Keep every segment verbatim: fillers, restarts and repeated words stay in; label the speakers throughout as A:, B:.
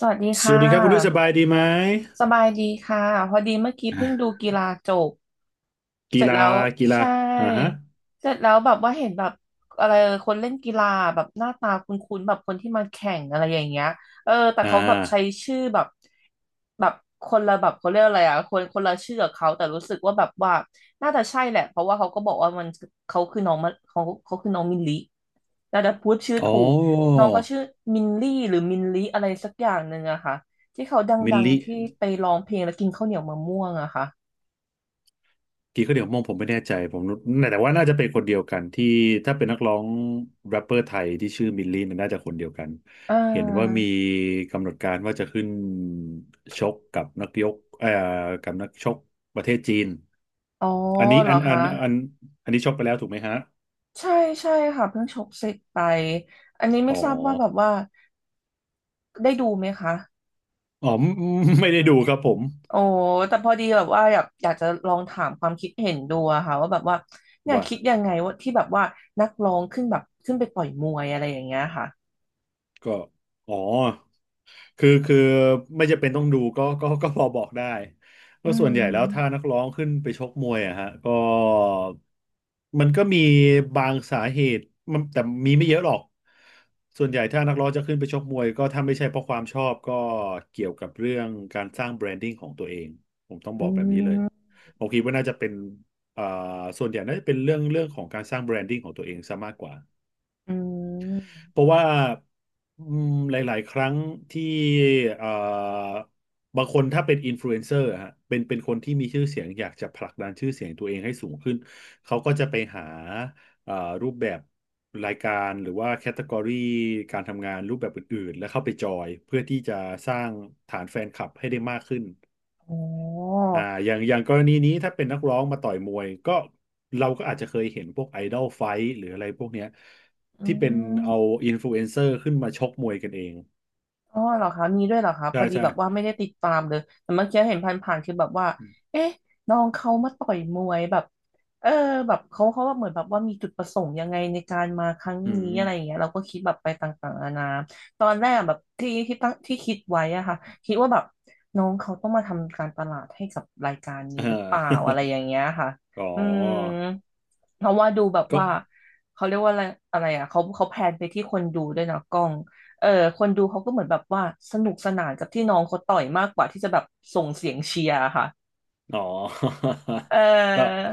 A: สวัสดี
B: ส
A: ค่ะ
B: วัสดีครับคุณนุ้ยสบายดีไหม
A: สบายดีค่ะ พอดีเมื่อกี้เพิ่ง
B: อ่ะ
A: ดูกีฬาจบ เส
B: กี
A: ร็จ
B: ฬา
A: แล้ว
B: กีฬา
A: ใช่
B: อ่าฮะ
A: เสร็จแล้วแบบว่าเห็นแบบอะไรคนเล่นกีฬาแบบหน้าตาคุ้นๆแบบคนที่มาแข่งอะไรอย่างเงี้ยเออแต่
B: อ่
A: เขาแบบใช้
B: า
A: ชื่อแบบแบบคนละแบบเขาเรียกอะไรอ่ะคนคนละชื่อกับเขาแต่รู้สึกว่าแบบว่าน่าจะใช่แหละเพราะว่าเขาก็บอกว่ามันเขาคือน้องมะเขาเขาคือน้องมิลลิน่าจะพูดชื่อ
B: อ๋
A: ถู
B: อ
A: กน้องก็ชื่อมินลี่หรือมินลิอะไรสักอย่างหนึ่งอะค่ะที่เขาด
B: มิล
A: ัง
B: ลิ
A: ๆที่ไปร้องเพลงแล้วกินข้าวเหนียวมะม่วงอะค่ะ
B: กี่ก็เดี๋ยวมองผมไม่แน่ใจผมนึกแต่ว่าน่าจะเป็นคนเดียวกันที่ถ้าเป็นนักร้องแรปเปอร์ไทยที่ชื่อมิลลิเนี่ยน่าจะคนเดียวกัน
A: อ่
B: เห็นว่ามี
A: า
B: กำหนดการว่าจะขึ้นชกกับนักยกเอ่อกับนักชกประเทศจีน
A: อ๋อ
B: อันนี้
A: เหร
B: อั
A: อ
B: นอั
A: คะ
B: นอันอันนี้ชกไปแล้วถูกไหมฮะ
A: ใช่ใช่ค่ะเพิ่งชกเสร็จไปอันนี้ไม่
B: อ๋อ
A: ทราบว่าแบบว่าได้ดูไหมคะ
B: อ๋อไม่ไม่ได้ดูครับผม
A: โอ้แต่พอดีแบบว่าอยากอยากจะลองถามความคิดเห็นดูอะค่ะว่าแบบว่าเนี่ย
B: ว่า
A: คิดยังไงว่าที่แบบว่านักร้องขึ้นแบบขึ้นไปต่อยมวยอะไรอย่างเงี้ยค่ะ
B: ก็อ๋อ คือคือไม่จำเป็นต้องดูก็ก็ก็พอบอกได้ก็
A: อื
B: ส่วนใหญ่แล้วถ้า
A: ม
B: นักร้องขึ้นไปชกมวยอะฮะก็มันก็มีบางสาเหตุมันแต่มีไม่เยอะหรอกส่วนใหญ่ถ้านักร้องจะขึ้นไปชกมวยก็ถ้าไม่ใช่เพราะความชอบก็เกี่ยวกับเรื่องการสร้างแบรนดิ้งของตัวเองผมต้องบ
A: อื
B: อกแบบนี้เลย
A: ม
B: ผมคิดว่าน่าจะเป็นเอ่อส่วนใหญ่น่าจะเป็นเรื่องเรื่องของการสร้างแบรนดิ้งของตัวเองซะมากกว่า
A: อืม
B: เพราะว่าอืมหลายๆ ครั้งที่เอ่อบางคนถ้าเป็นอินฟลูเอนเซอร์ฮะเป็นเป็นคนที่มีชื่อเสียงอยากจะผลักดันชื่อเสียงตัวเองให้สูงขึ้นเขาก็จะไปหาเอ่อรูปแบบรายการหรือว่าแคตตากรีการทำงานรูปแบบอื่นๆ แล้วเข้าไปจอยเพื่อที่จะสร้างฐานแฟนคลับให้ได้มากขึ้น
A: อ๋อ
B: อ่าอย่างอย่างกรณีนี้ถ้าเป็นนักร้องมาต่อยมวยก็เราก็อาจจะเคยเห็นพวกไอดอลไฟท์หรืออะไรพวกเนี้ย
A: อื
B: ที่เป็นเอา
A: ม
B: อินฟลูเอนเซอร์ขึ้นมาชกมวยกันเอง
A: อ๋อเหรอคะมีด้วยเหรอคะพ
B: ใช่
A: อดี
B: ใช่
A: แบบว่าไม่ได้ติดตามเลยแต่เมื่อกี้เห็นผ่านๆคือแบบว่าเอ๊ะน้องเขามาต่อยมวยแบบเออแบบเขาเขาว่าเหมือนแบบว่ามีจุดประสงค์ยังไงในการมาครั้ง
B: อื
A: นี้
B: ม
A: อะไรอย่างเงี้ยเราก็คิดแบบไปต่างๆนานาตอนแรกแบบที่ที่ตั้งที่คิดไว้อะค่ะคิดว่าแบบน้องเขาต้องมาทำการตลาดให้กับรายการนี้
B: เอ
A: หรือเปล่า
B: อ
A: อะไรอย่างเงี้ยค่ะ
B: อ๋อ
A: อืมเพราะว่าดูแบบ
B: ก็
A: ว่าเขาเรียกว่าอะไรอะไรอ่ะเขาเขาแพลนไปที่คนดูด้วยนะกล้อง เออคนดูเขาก็เหมือนแบบว่าสนุกสนานกับที่น้องเขาต่อยมากกว่าที่จะแบบส่งเสียงเชียร์ค่ะ
B: อ๋อ
A: เอ
B: ก็
A: อ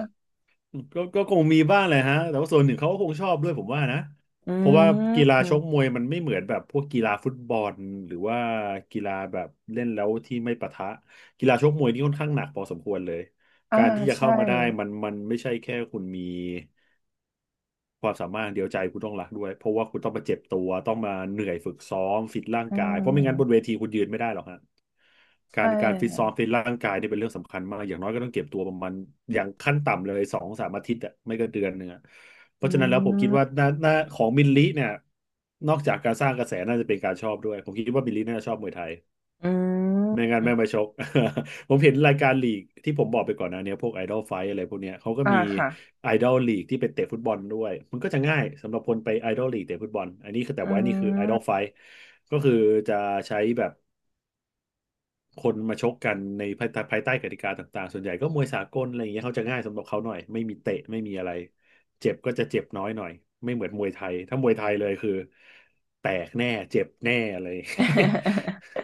B: ก็ก็คงมีบ้างแหละฮะ แต่ว่าส่วนหนึ่งเขาก็คงชอบด้วยผมว่านะ
A: อื
B: เพราะว่ากีฬาชก
A: ม
B: มวยมันไม่เหมือนแบบพวกกีฬาฟุตบอลหรือว่ากีฬาแบบเล่นแล้วที่ไม่ปะทะกีฬาชกมวยนี่ค่อนข้างหนักพอสมควรเลย
A: อ่า
B: การที่จะ
A: ใช่
B: เข้ามาได้มันมันไม่ใช่แค่คุณมี ความสามารถเดียวใจคุณต้องรักด้วยเพราะว่าคุณต้องมาเจ็บตัวต้องมาเหนื่อยฝึกซ้อมฟิตร่าง
A: อื
B: กายเพราะไม่งั้นบน
A: ม
B: เวทีคุณยืนไม่ได้หรอกฮะกา
A: ใช่
B: รการฟิตซ้อม
A: ค่ะ
B: ฟิตร่างกายเนี่ยเป็นเรื่องสำคัญมากอย่างน้อยก็ต้องเก็บตัวประมาณอย่างขั้นต่ำเลยสองสามอาทิตย์อะไม่ก็เดือนหนึ่งอะเพ
A: อื
B: ราะฉะนั้นแล้วผมคิดว่าหน้า
A: ม
B: หน้าของมินลิเนี่ยนอกจากการสร้างกระแสน่าจะเป็นการชอบด้วยผมคิดว่ามินลิน่าจะชอบมวยไทย
A: อื
B: ไม่งั้
A: ม
B: นไม่มาชก ผมเห็นรายการลีกที่ผมบอกไปก่อนหนะเนี้ยพวกไอดอลไฟอะไรพวกเนี้ยเขาก็
A: อ่า
B: มี
A: ค่ะ
B: ไอดอลลีกที่ไปเตะฟุตบอลด้วยมันก็จะง่ายสำหรับคนไปไอดอลลีกเตะฟุตบอลอันนี้คือแต่
A: อื
B: ว่านี่คือไอดอลไฟ
A: ม
B: ก็คือจะใช้แบบคนมาชกกันในภายใต้ภายใต้กติกาต่างๆส่วนใหญ่ก็มวยสากลอะไรอย่างเงี้ยเขาจะง่ายสำหรับเขาหน่อยไม่มีเตะไม่มีอะไรเจ็บก็จะเจ็บน้อยหน่อยไม่เหมือนมวยไทยถ้ามวยไทยเลยคือแตกแน่เจ็บแน่เลย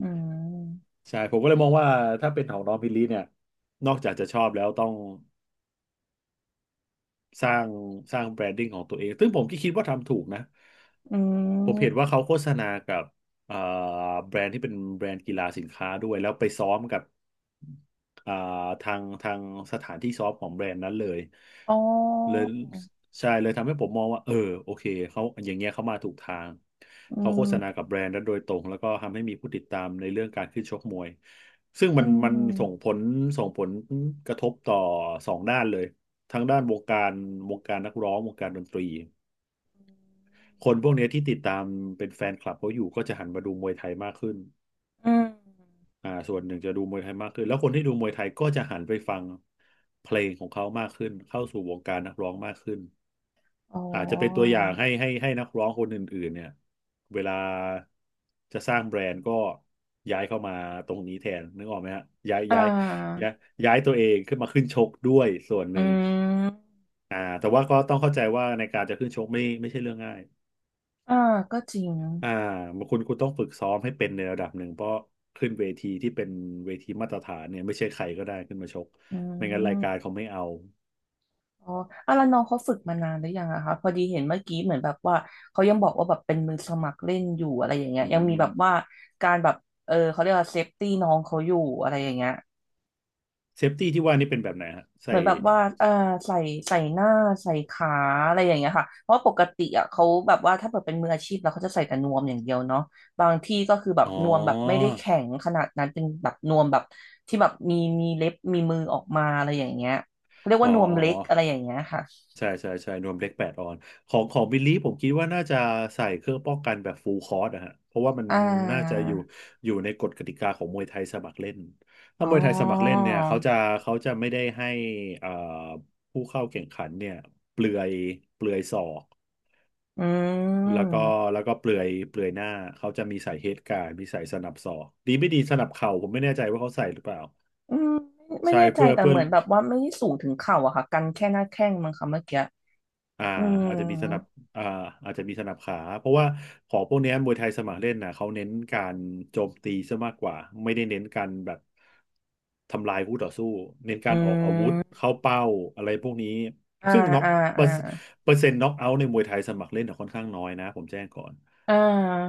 A: อืม
B: ใช่ผมก็เลยมองว่าถ้าเป็นของน้องพิลลี่เนี่ยนอกจากจะชอบแล้วต้อง สร้างสร้างแบรนดิ้งของตัวเองซึ่งผมก็คิดว่าทำถูกนะ
A: อื
B: ผมเห็นว่า
A: ม
B: เขาโฆษณากับเอ่อแบรนด์ที่เป็นแบรนด์กีฬาสินค้าด้วย แล้วไปซ้อมกับเอ่อทางทางสถานที่ซ้อมของแบรนด์นั้นเลย
A: อ๋
B: เล
A: อ
B: ยใช่เลยทำให้ผมมองว่าเออโอเคเขาอย่างเงี้ยเขามาถูกทางเขาโฆษณากับแบรนด์นั้นโดยตรงแล้วก็ทำให้มีผู้ติดตามในเรื่องการขึ้นชกมวยซึ่ง
A: อื
B: มันมันส่ง
A: ม
B: ผลส่งผลกระทบต่อสองด้านเลย ทางด้านวงการวงการนักร้องวงการดนตรีคนพวกเนี้ยที่ติดตามเป็นแฟนคลับเขาอยู่ก็จะหันมาดูมวยไทยมากขึ้น
A: อืม
B: อ่าส่วนหนึ่งจะดูมวยไทยมากขึ้นแล้วคนที่ดูมวยไทยก็จะหันไปฟังเพลงของเขามากขึ้นเข้าสู่วงการนักร้องมากขึ้น
A: อ๋อ
B: อาจจะเป็นตัวอย่างให้ให้ให้นักร้องคนอื่นๆเนี่ยเวลาจะสร้างแบรนด์ก็ย้ายเข้ามาตรงนี้แทนนึกออกไหมฮะย้าย
A: อ่
B: ย้าย
A: า
B: ย้ายย้ายตัวเองขึ้นมาขึ้นชกด้วยส่วนห
A: อื
B: นึ่ง
A: ม
B: อ่าแต่ว่าก็ต้องเข้าใจว่าในการจะขึ้นชกไม่ไม่ใช่เรื่องง่าย
A: อ่าก็จริง
B: อ่าคุณคุณต้องฝึกซ้อมให้เป็นในระดับหนึ่งเพราะขึ้นเวทีที่เป็นเวทีมาตรฐานเนี่ยไม่ใช่ใครก็ได้ขึ้นมาชกไม่งั้นรายการเขาไม่เอา
A: อ๋ออ่ะแล้วน้องเขาฝึกมานานหรือยังอะคะพอดีเห็นเมื่อกี้เหมือนแบบว่าเขายังบอกว่าแบบเป็นมือสมัครเล่นอยู่อะไรอย่างเงี้ย
B: อื
A: ยังมี
B: ม
A: แบบว่าการแบบเออเขาเรียกว่าเซฟตี้น้องเขาอยู่อะไรอย่างเงี้ย
B: เซฟตี้ที่ว่านี่เป็นแบบไหนฮะ
A: เห
B: ใส่
A: มือนแบบว่าเออใส่ใส่หน้าใส่ขาอะไรอย่างเงี้ยค่ะเพราะปกติอะเขาแบบว่าถ้าเกิดเป็นมืออาชีพแล้วเขาจะใส่แต่นวมอย่างเดียวเนาะบางที่ก็คือแบบ
B: อ๋อ
A: นวมแบบไม่ได้แข็งขนาดนั้นเป็นแบบนวมแบบที่แบบมีมีเล็บมีมือออกมาอะไรอย่างเงี้ยเขาเรียก
B: อ๋อ
A: ว่านวม
B: อ๋อ
A: เล็
B: อ๋
A: กอะไร
B: อ
A: อย่างเงี้ยค่ะ
B: ใช่ใช่ใช่นวมเล็กแปดออนของของบิลลี่ผมคิดว่าน่าจะใส่เครื่องป้องกันแบบฟูลคอร์สนะฮะเพราะว่ามัน
A: อ่
B: น่าจะอยู่
A: า
B: อยู่ในกฎกติกาของมวยไทยสมัครเล่นถ้า
A: อ๋อ
B: มวยไทยสมัครเล่นเนี่ยเขาจะเขาจะไม่ได้ให้เอ่อผู้เข้าแข่งขันเนี่ยเปลือยเปลือยศอก
A: อื
B: แล้วก็
A: ม
B: แล้วก็เปลือยเปลือยหน้าเขาจะมีใส่เฮดการ์ดมีใส่สนับศอกดีไม่ดีสนับเข่าผมไม่แน่ใจว่าเขาใส่หรือเปล่า
A: อืมไม่
B: ใช่
A: แน่ใจ
B: เพื่อ
A: แต่
B: เพื่อ
A: เหมือนแบบว่าไม่ได้สูงถึงเข่าอะค่ะกันแค่หน้าแข้งมั้งค่ะเมื่อกี้
B: อ่า
A: อืม
B: อาจจะมีสนับอ่าอาจจะมีสนับขาเพราะว่าของพวกเนี้ยมวยไทยสมัครเล่นนะเขาเน้นการโจมตีซะมากกว่าไม่ได้เน้นการแบบทำลายคู่ต่อสู้เน้น
A: อื
B: การออกอาวุธ
A: ม
B: เข้าเป้าอะไรพวกนี้
A: อ่า
B: ซึ่งน็อก
A: อ่า
B: เปอ
A: อ่า
B: ร์เปอร์เซ็นต์น็อกเอาท์ในมวยไทยสมัครเล่นน่ะค่อนข้างน้อยนะผมแจ้งก่อน
A: อ่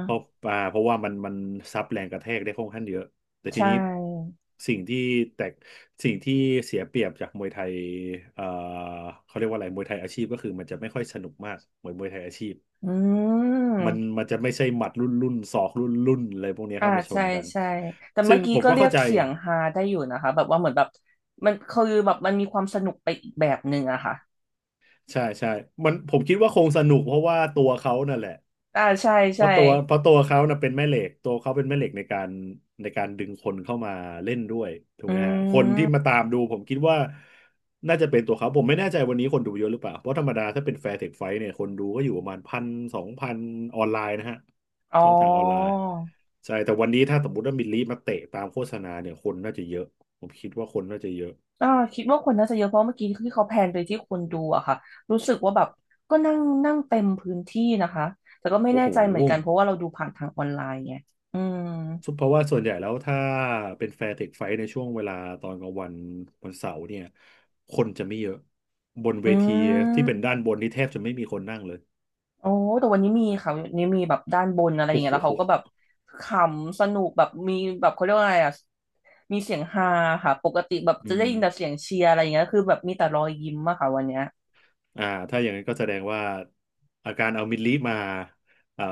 B: เพราะอ่าเพราะว่ามันมันซับแรงกระแทกได้ค่อนข้างเยอะ แต่ที
A: ใช่
B: นี้สิ่งที่แตกสิ่งที่เสียเปรียบจากมวยไทยเอ่อเขาเรียกว่าอะไรมวยไทยอาชีพก็คือมันจะไม่ค่อยสนุกมากเหมือนมวยไทยอาชีพ
A: อื
B: มัน
A: ม
B: มันจะไม่ใช่หมัดรุ่นรุ่นศอกรุ่นรุ่นอะไรพวกเนี้ย
A: อ่า
B: เข้ามาช
A: ใช่
B: นกัน
A: ใช่แต่
B: ซึ่
A: เมื่
B: ง
A: อกี้
B: ผม
A: ก็
B: ก็
A: เรีย
B: เข้า
A: ก
B: ใจ
A: เสียงฮาได้อยู่นะคะแบบว่าเหมือนแบบมันคือแบบมันมีความสนุกไปอีกแบบหนึ่งอะค่ะ
B: ใช่ใช่มันผมคิดว่าคงสนุกเพราะว่าตัวเขานั่นแหละ
A: อ่าใช่
B: เพ
A: ใช่
B: ราะตัวเพราะตัวเขานะเป็นแม่เหล็กตัวเขาเป็นแม่เหล็กในการในการดึงคนเข้ามาเล่นด้วยถูก
A: อื
B: ไหมฮะคนที่มา
A: ม
B: ตามดูผมคิดว่าน่าจะเป็นตัวเขาผมไม่แน่ใจวันนี้คนดูเยอะหรือเปล่าเพราะธรรมดาถ้าเป็นแฟร์เทคไฟท์เนี่ยคนดูก็อยู่ประมาณพันสองพันออนไลน์นะฮะ
A: อ๋อ
B: ช่องทางออนไลน์ใช่แต่วันนี้ถ้าสมมติว่ามิลลิมาเตะตามโฆษณาเนี่ยคนน่าจะเยอะผมคิดว่าคนน่าจะเยอะ
A: อ่าคิดว่าคนน่าจะเยอะเพราะเมื่อกี้ที่เขาแพนไปที่คนดูอะค่ะรู้สึกว่าแบบก็นั่งนั่งเต็มพื้นที่นะคะแต่ก็ไม่
B: โอ้
A: แน่
B: โห
A: ใจเหมือนกันเพราะว่าเราดูผ่านทางออนไลน์ไงอืม
B: ซึ่งเพราะว่าส่วนใหญ่แล้วถ้าเป็นแฟร์เทคไฟท์ในช่วงเวลาตอนกลางวันวันเสาร์เนี่ยคนจะไม่เยอะบนเว
A: อื
B: ทีที่เป็น
A: ม
B: ด้านบนนี่แทบจะไม่มีคนนั่งเลย
A: โอ้แต่วันนี้มีค่ะวันนี้มีแบบด้านบนอะไรอย่าง
B: โอ้
A: เงี้ย
B: โห
A: แล้วเขาก็แบบขำสนุกแบบมีแบบเขาเรียกว่าอะไรอะมีเสียงฮาค่ะปกติแบบ
B: อื
A: จะได้
B: ม
A: ยินแต่เสียงเชียร์อะไรอย่างเงี้ยคือแบบมีแต่รอยยิ้มอะค่ะวันเนี้ย
B: อ่าถ้าอย่างนั้นก็แสดงว่าอาการเอามิดลีมาเอ่อ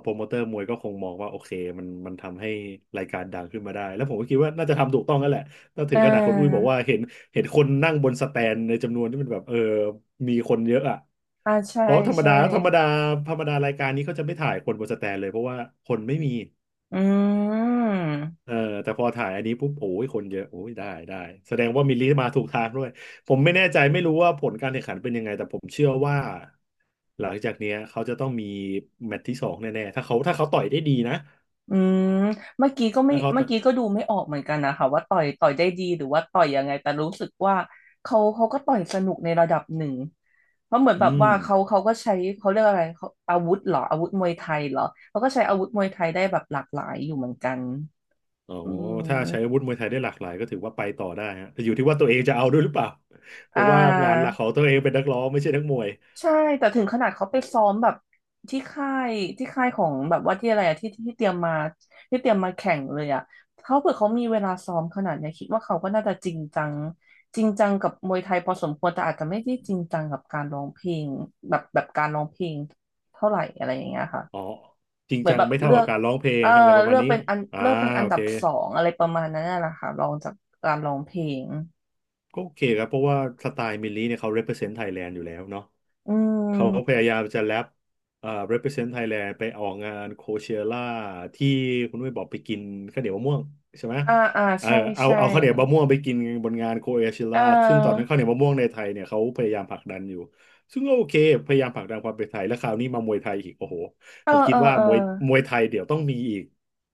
B: โปรโมเตอร์มวยก็คงมองว่าโอเคมันมันทำให้รายการดังขึ้นมาได้แล้วผมก็คิดว่าน่าจะทำถูกต้องนั่นแหละถ้าถึ
A: อ่
B: งขนาดคนอุ้ยบอก
A: า
B: ว่าเห็นเห็นคนนั่งบนสแตนในจำนวนที่มันแบบเออมีคนเยอะอ่ะ
A: อ่าใช่
B: เพราะธรรม
A: ใช่
B: ดาธรรมดาธรรมดารายการนี้เขาจะไม่ถ่ายคนบนสแตนเลยเพราะว่าคนไม่มี
A: อืม
B: เออแต่พอถ่ายอันนี้ปุ๊บโอ้ยคนเยอะโอ้ยได้ได้แสดงว่ามิลลิมาถูกทางด้วยผมไม่แน่ใจไม่รู้ว่าผลการแข่งขันเป็นยังไงแต่ผมเชื่อว่าหลังจากเนี้ยเขาจะต้องมีแมตช์ที่สองแน่ๆถ้าเขาถ้าเขาต่อยได้ดีนะ
A: อืมเมื่อกี้ก็ไม่
B: ถ้าเขา
A: เมื่
B: ต่
A: อ
B: อย
A: กี้ก็ดูไม่ออกเหมือนกันนะคะว่าต่อยต่อยได้ดีหรือว่าต่อยยังไงแต่รู้สึกว่าเขาเขาก็ต่อยสนุกในระดับหนึ่งเพราะเหมือน
B: อื
A: แบบ
B: ม
A: ว่าเขาเขาก็ใช้เขาเรียกอะไรเขาอาวุธเหรออาวุธมวยไทยเหรอเขาก็ใช้อาวุธมวยไทยได้แบบหลากหลายอยู่เหมือนกัน
B: อ๋อ
A: อื
B: ถ้าใช้อา
A: ม
B: วุธมวยไทยได้หลากหลายก็ถือว่าไปต่อได้ฮะแต่อยู่ที่ว่าตัวเองจะเอาด้วยหรือเปล่า เพ
A: อ่
B: ราะว่างานห
A: า
B: ลักของตัวเองเป็นนักร้องไม่ใช่นักมวย
A: ใช่แต่ถึงขนาดเขาไปซ้อมแบบที่ค่ายที่ค่ายของแบบว่าที่อะไรอะที่ที่เตรียมมาที่เตรียมมาแข่งเลยอะเขาเผื่อเขามีเวลาซ้อมขนาดเนี้ยคิดว่าเขาก็น่าจะจริงจังจริงจังกับมวยไทยพอสมควรแต่อาจจะไม่ได้จริงจังกับการร้องเพลงแบบแบบการร้องเพลงเท่าไหร่อะไรอย่างเงี้ยค่ะ
B: อ๋อจริง
A: เหมือ
B: จั
A: น
B: ง
A: แบบ
B: ไม่เท่า
A: เลื
B: กั
A: อ
B: บ
A: ก
B: การร้องเพล
A: เอ
B: ง
A: อ
B: อะไรประ
A: เลื
B: มาณ
A: อก
B: นี้
A: เป็นอัน
B: อ่า
A: เลือกเป็นอั
B: โอ
A: นดั
B: เค
A: บสองอะไรประมาณนั้นน่ะแหละค่ะรองจากการร้องเพลง
B: ก็โอเคครับเพราะว่าสไตล์มิลลี่เนี่ยเขา represent Thailand อยู่แล้วเนาะ
A: อื
B: เขาพ
A: ม
B: ยายามจะแรปเอ่อ represent Thailand ไปออกงานโคเชล่าที่คุณด้ยบอกไปกินข้าวเหนียวมะม่วงใช่ไหม
A: อ่าอ่า
B: เออ
A: ใช่
B: เอา
A: ใช่
B: เอาข้าวเหนียวมะม่วงไปกินบนงานโคเช
A: เออ
B: ล่าซึ่งตอนนั้นข้าวเหนียวมะม่วงในไทยเนี่ยเขาพยายามผลักดันอยู่ซึ่งก็โอเคพยายามผลักดันความเป็นไทยแล้วคราวนี้มามวยไทยอีกโอ้โห
A: เออ
B: ผมคิ
A: เอ
B: ด
A: อ
B: ว่า
A: เออ
B: มวยมวยไทยเดี๋ยวต้องมีอีก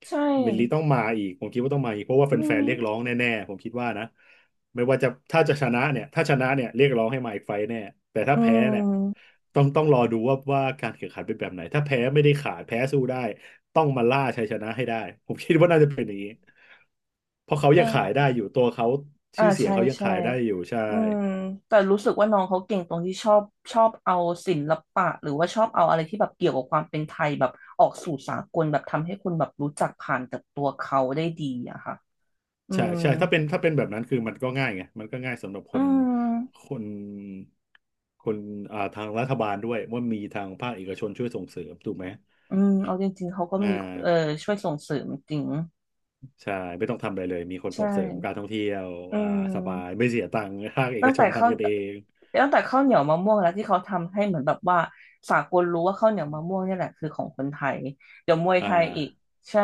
A: ใช่
B: มิลลีต้องมาอีกผมคิดว่าต้องมาอีกเพราะว่า
A: อื
B: แฟ
A: ม
B: นๆเรียกร้องแน่ๆผมคิดว่านะไม่ว่าจะถ้าจะชนะเนี่ยถ้าชนะเนี่ยเรียกร้องให้มาอีกไฟต์แน่แต่ถ้า
A: อื
B: แพ้เนี่ย
A: ม
B: ต้องต้องรอดูว่าว่าการแข่งขันเป็นแบบไหนถ้าแพ้ไม่ได้ขาดแพ้สู้ได้ต้องมาล่าชัยชนะให้ได้ผมคิดว่าน่าจะเป็นอย่างนี้เพราะเขา
A: เอ
B: ยังขาย
A: อ
B: ได้อยู่ตัวเขา
A: อ่า
B: ชื่อเสียง
A: ใช่
B: เขายัง
A: ใช่
B: ขายได้อยู่ใช่
A: อืมแต่รู้สึกว่าน้องเขาเก่งตรงที่ชอบชอบเอาศิลปะหรือว่าชอบเอาอะไรที่แบบเกี่ยวกับความเป็นไทยแบบออกสู่สากลแบบทำให้คนแบบรู้จักผ่านจากตัวเขาได้ดีอะค่ะอื
B: ใช่
A: ม
B: ใช่ถ้าเป็นถ้าเป็นแบบนั้นคือมันก็ง่ายไงมันก็ง่ายสำหรับค
A: อื
B: น
A: ม
B: คนคนอ่าทางรัฐบาลด้วยว่ามีทางภาคเอกชนช่วยส่งเสริมถูกไหม
A: อืมเอาจริงๆเขาก็
B: อ่
A: มีเออ
B: า
A: ช่วยส่งเสริมจริง
B: ใช่ไม่ต้องทำอะไรเลยมีคนส่
A: ใช่
B: งเสริมการท่องเที่ยว
A: อื
B: อ่าสบาย
A: ม
B: ไม่เสียตังค์ภาคเอก
A: ตั้ง
B: ช
A: แต่
B: น
A: ข้าว
B: ทำกันเอง
A: ตั้งแต่ข้าวเหนียวมะม่วงแล้วที่เขาทำให้เหมือนแบบว่าสากลรู้ว่าข้าวเหนียวมะม่วงเนี่ยแหละคือของคนไทยเดี๋ยวมวยไท
B: อ่า
A: ยอีกใช่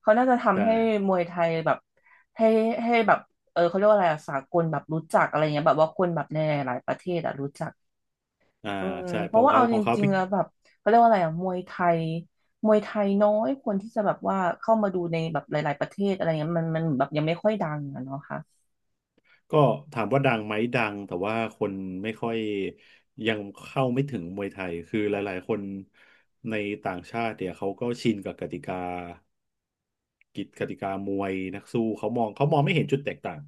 A: เขาน่าจะ
B: ใช่
A: ทำให้มวยไทยแบบให้ให้แบบเออเขาเรียกว่าอะไรอะสากลแบบรู้จักอะไรเงี้ยแบบว่าคนแบบในหลายๆประเทศอะรู้จัก
B: อ่า
A: อืม
B: ใช่
A: เพ
B: ขอ
A: ราะ
B: ง
A: ว่า
B: เขา
A: เอา
B: ข
A: จ
B: องเขา
A: ริง
B: พี่
A: ๆแล้วแบบเขาเรียกว่าอะไรอะมวยไทยมวยไทยน้อยคนที่จะแบบว่าเข้ามาดูในแบบหลายๆประเทศอะไรเงี้ยมันมันแบบยังไม่ค่อยดังอะเนาะค่ะ
B: ก็ถามว่าดังไหมดังแต่ว่าคนไม่ค่อยยังเข้าไม่ถึงมวยไทยคือหลายๆคนในต่างชาติเนี่ยเขาก็ชินกับกติกา กิจกติกามวยนักสู้เขามองเขามองไม่เห็นจุดแตกต่าง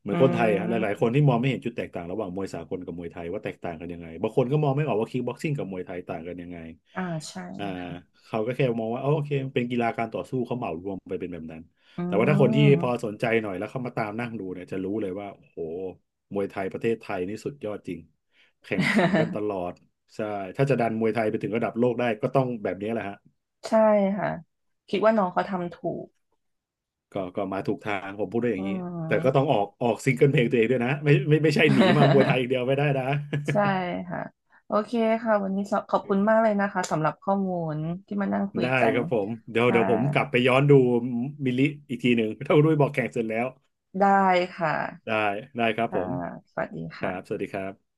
B: เหมือ
A: อื
B: นคนไทยอะหลายๆค
A: ม
B: นที่มองไม่เห็นจุดแตกต่างระหว่างมวยสากลกับมวยไทยว่าแตกต่างกันยังไงบางคนก็มองไม่ออกว่าคิกบ็อกซิ่งกับมวยไทยต่างกันยังไง
A: อ่าใช่
B: อ่า
A: ค่ะ
B: เขาก็แค่มองว่าอ๋อโอเคมันเป็นกีฬาการต่อสู้เขาเหมารวมไปเป็นแบบนั้น
A: อื
B: แต่ว่าถ้าคนที่พอ
A: ม
B: สนใจหน่อยแล้วเข้ามาตามนั่งดูเนี่ยจะรู้เลยว่าโอ้โหมวยไทยประเทศไทยนี่สุดยอดจริงแข่งขันกันตล อดใช่ถ้าจะดันมวยไทยไปถึงระดับโลกได้ก็ต้องแบบนี้แหละฮะ
A: ใช่ค่ะคิดว่าน้องเขาทำถูก
B: ก็ก็มาถูกทางผมพูดได้อ
A: อื
B: ย่างนี้แต่ก็ต้
A: ม
B: องออกออกซิงเกิลเพลงตัวเองด้วยนะไม่ไม่ไม่ใช่หนีมามวยไทยอ ย่างเดียวไม่ได้นะ
A: ใช่ ค่ะโอเคค่ะวันนี้ขอขอบคุณมากเลยนะคะสำหรับข้อมูลที่มานั่งคุย
B: ได้
A: กัน
B: ครับผมเดี๋ยว
A: ค่ะ
B: เดี๋ยวผมกลับไปย้อนดูมิลลิอีกทีหนึ่ง ถ้าคุณด้วยบอกแข่งเสร็จแล้ว
A: ได้ค่ะ
B: ได้ได้ครับผ
A: ค่ะ
B: ม
A: สวัสดี
B: ครั
A: ค่ะ
B: บสวัสดีครับ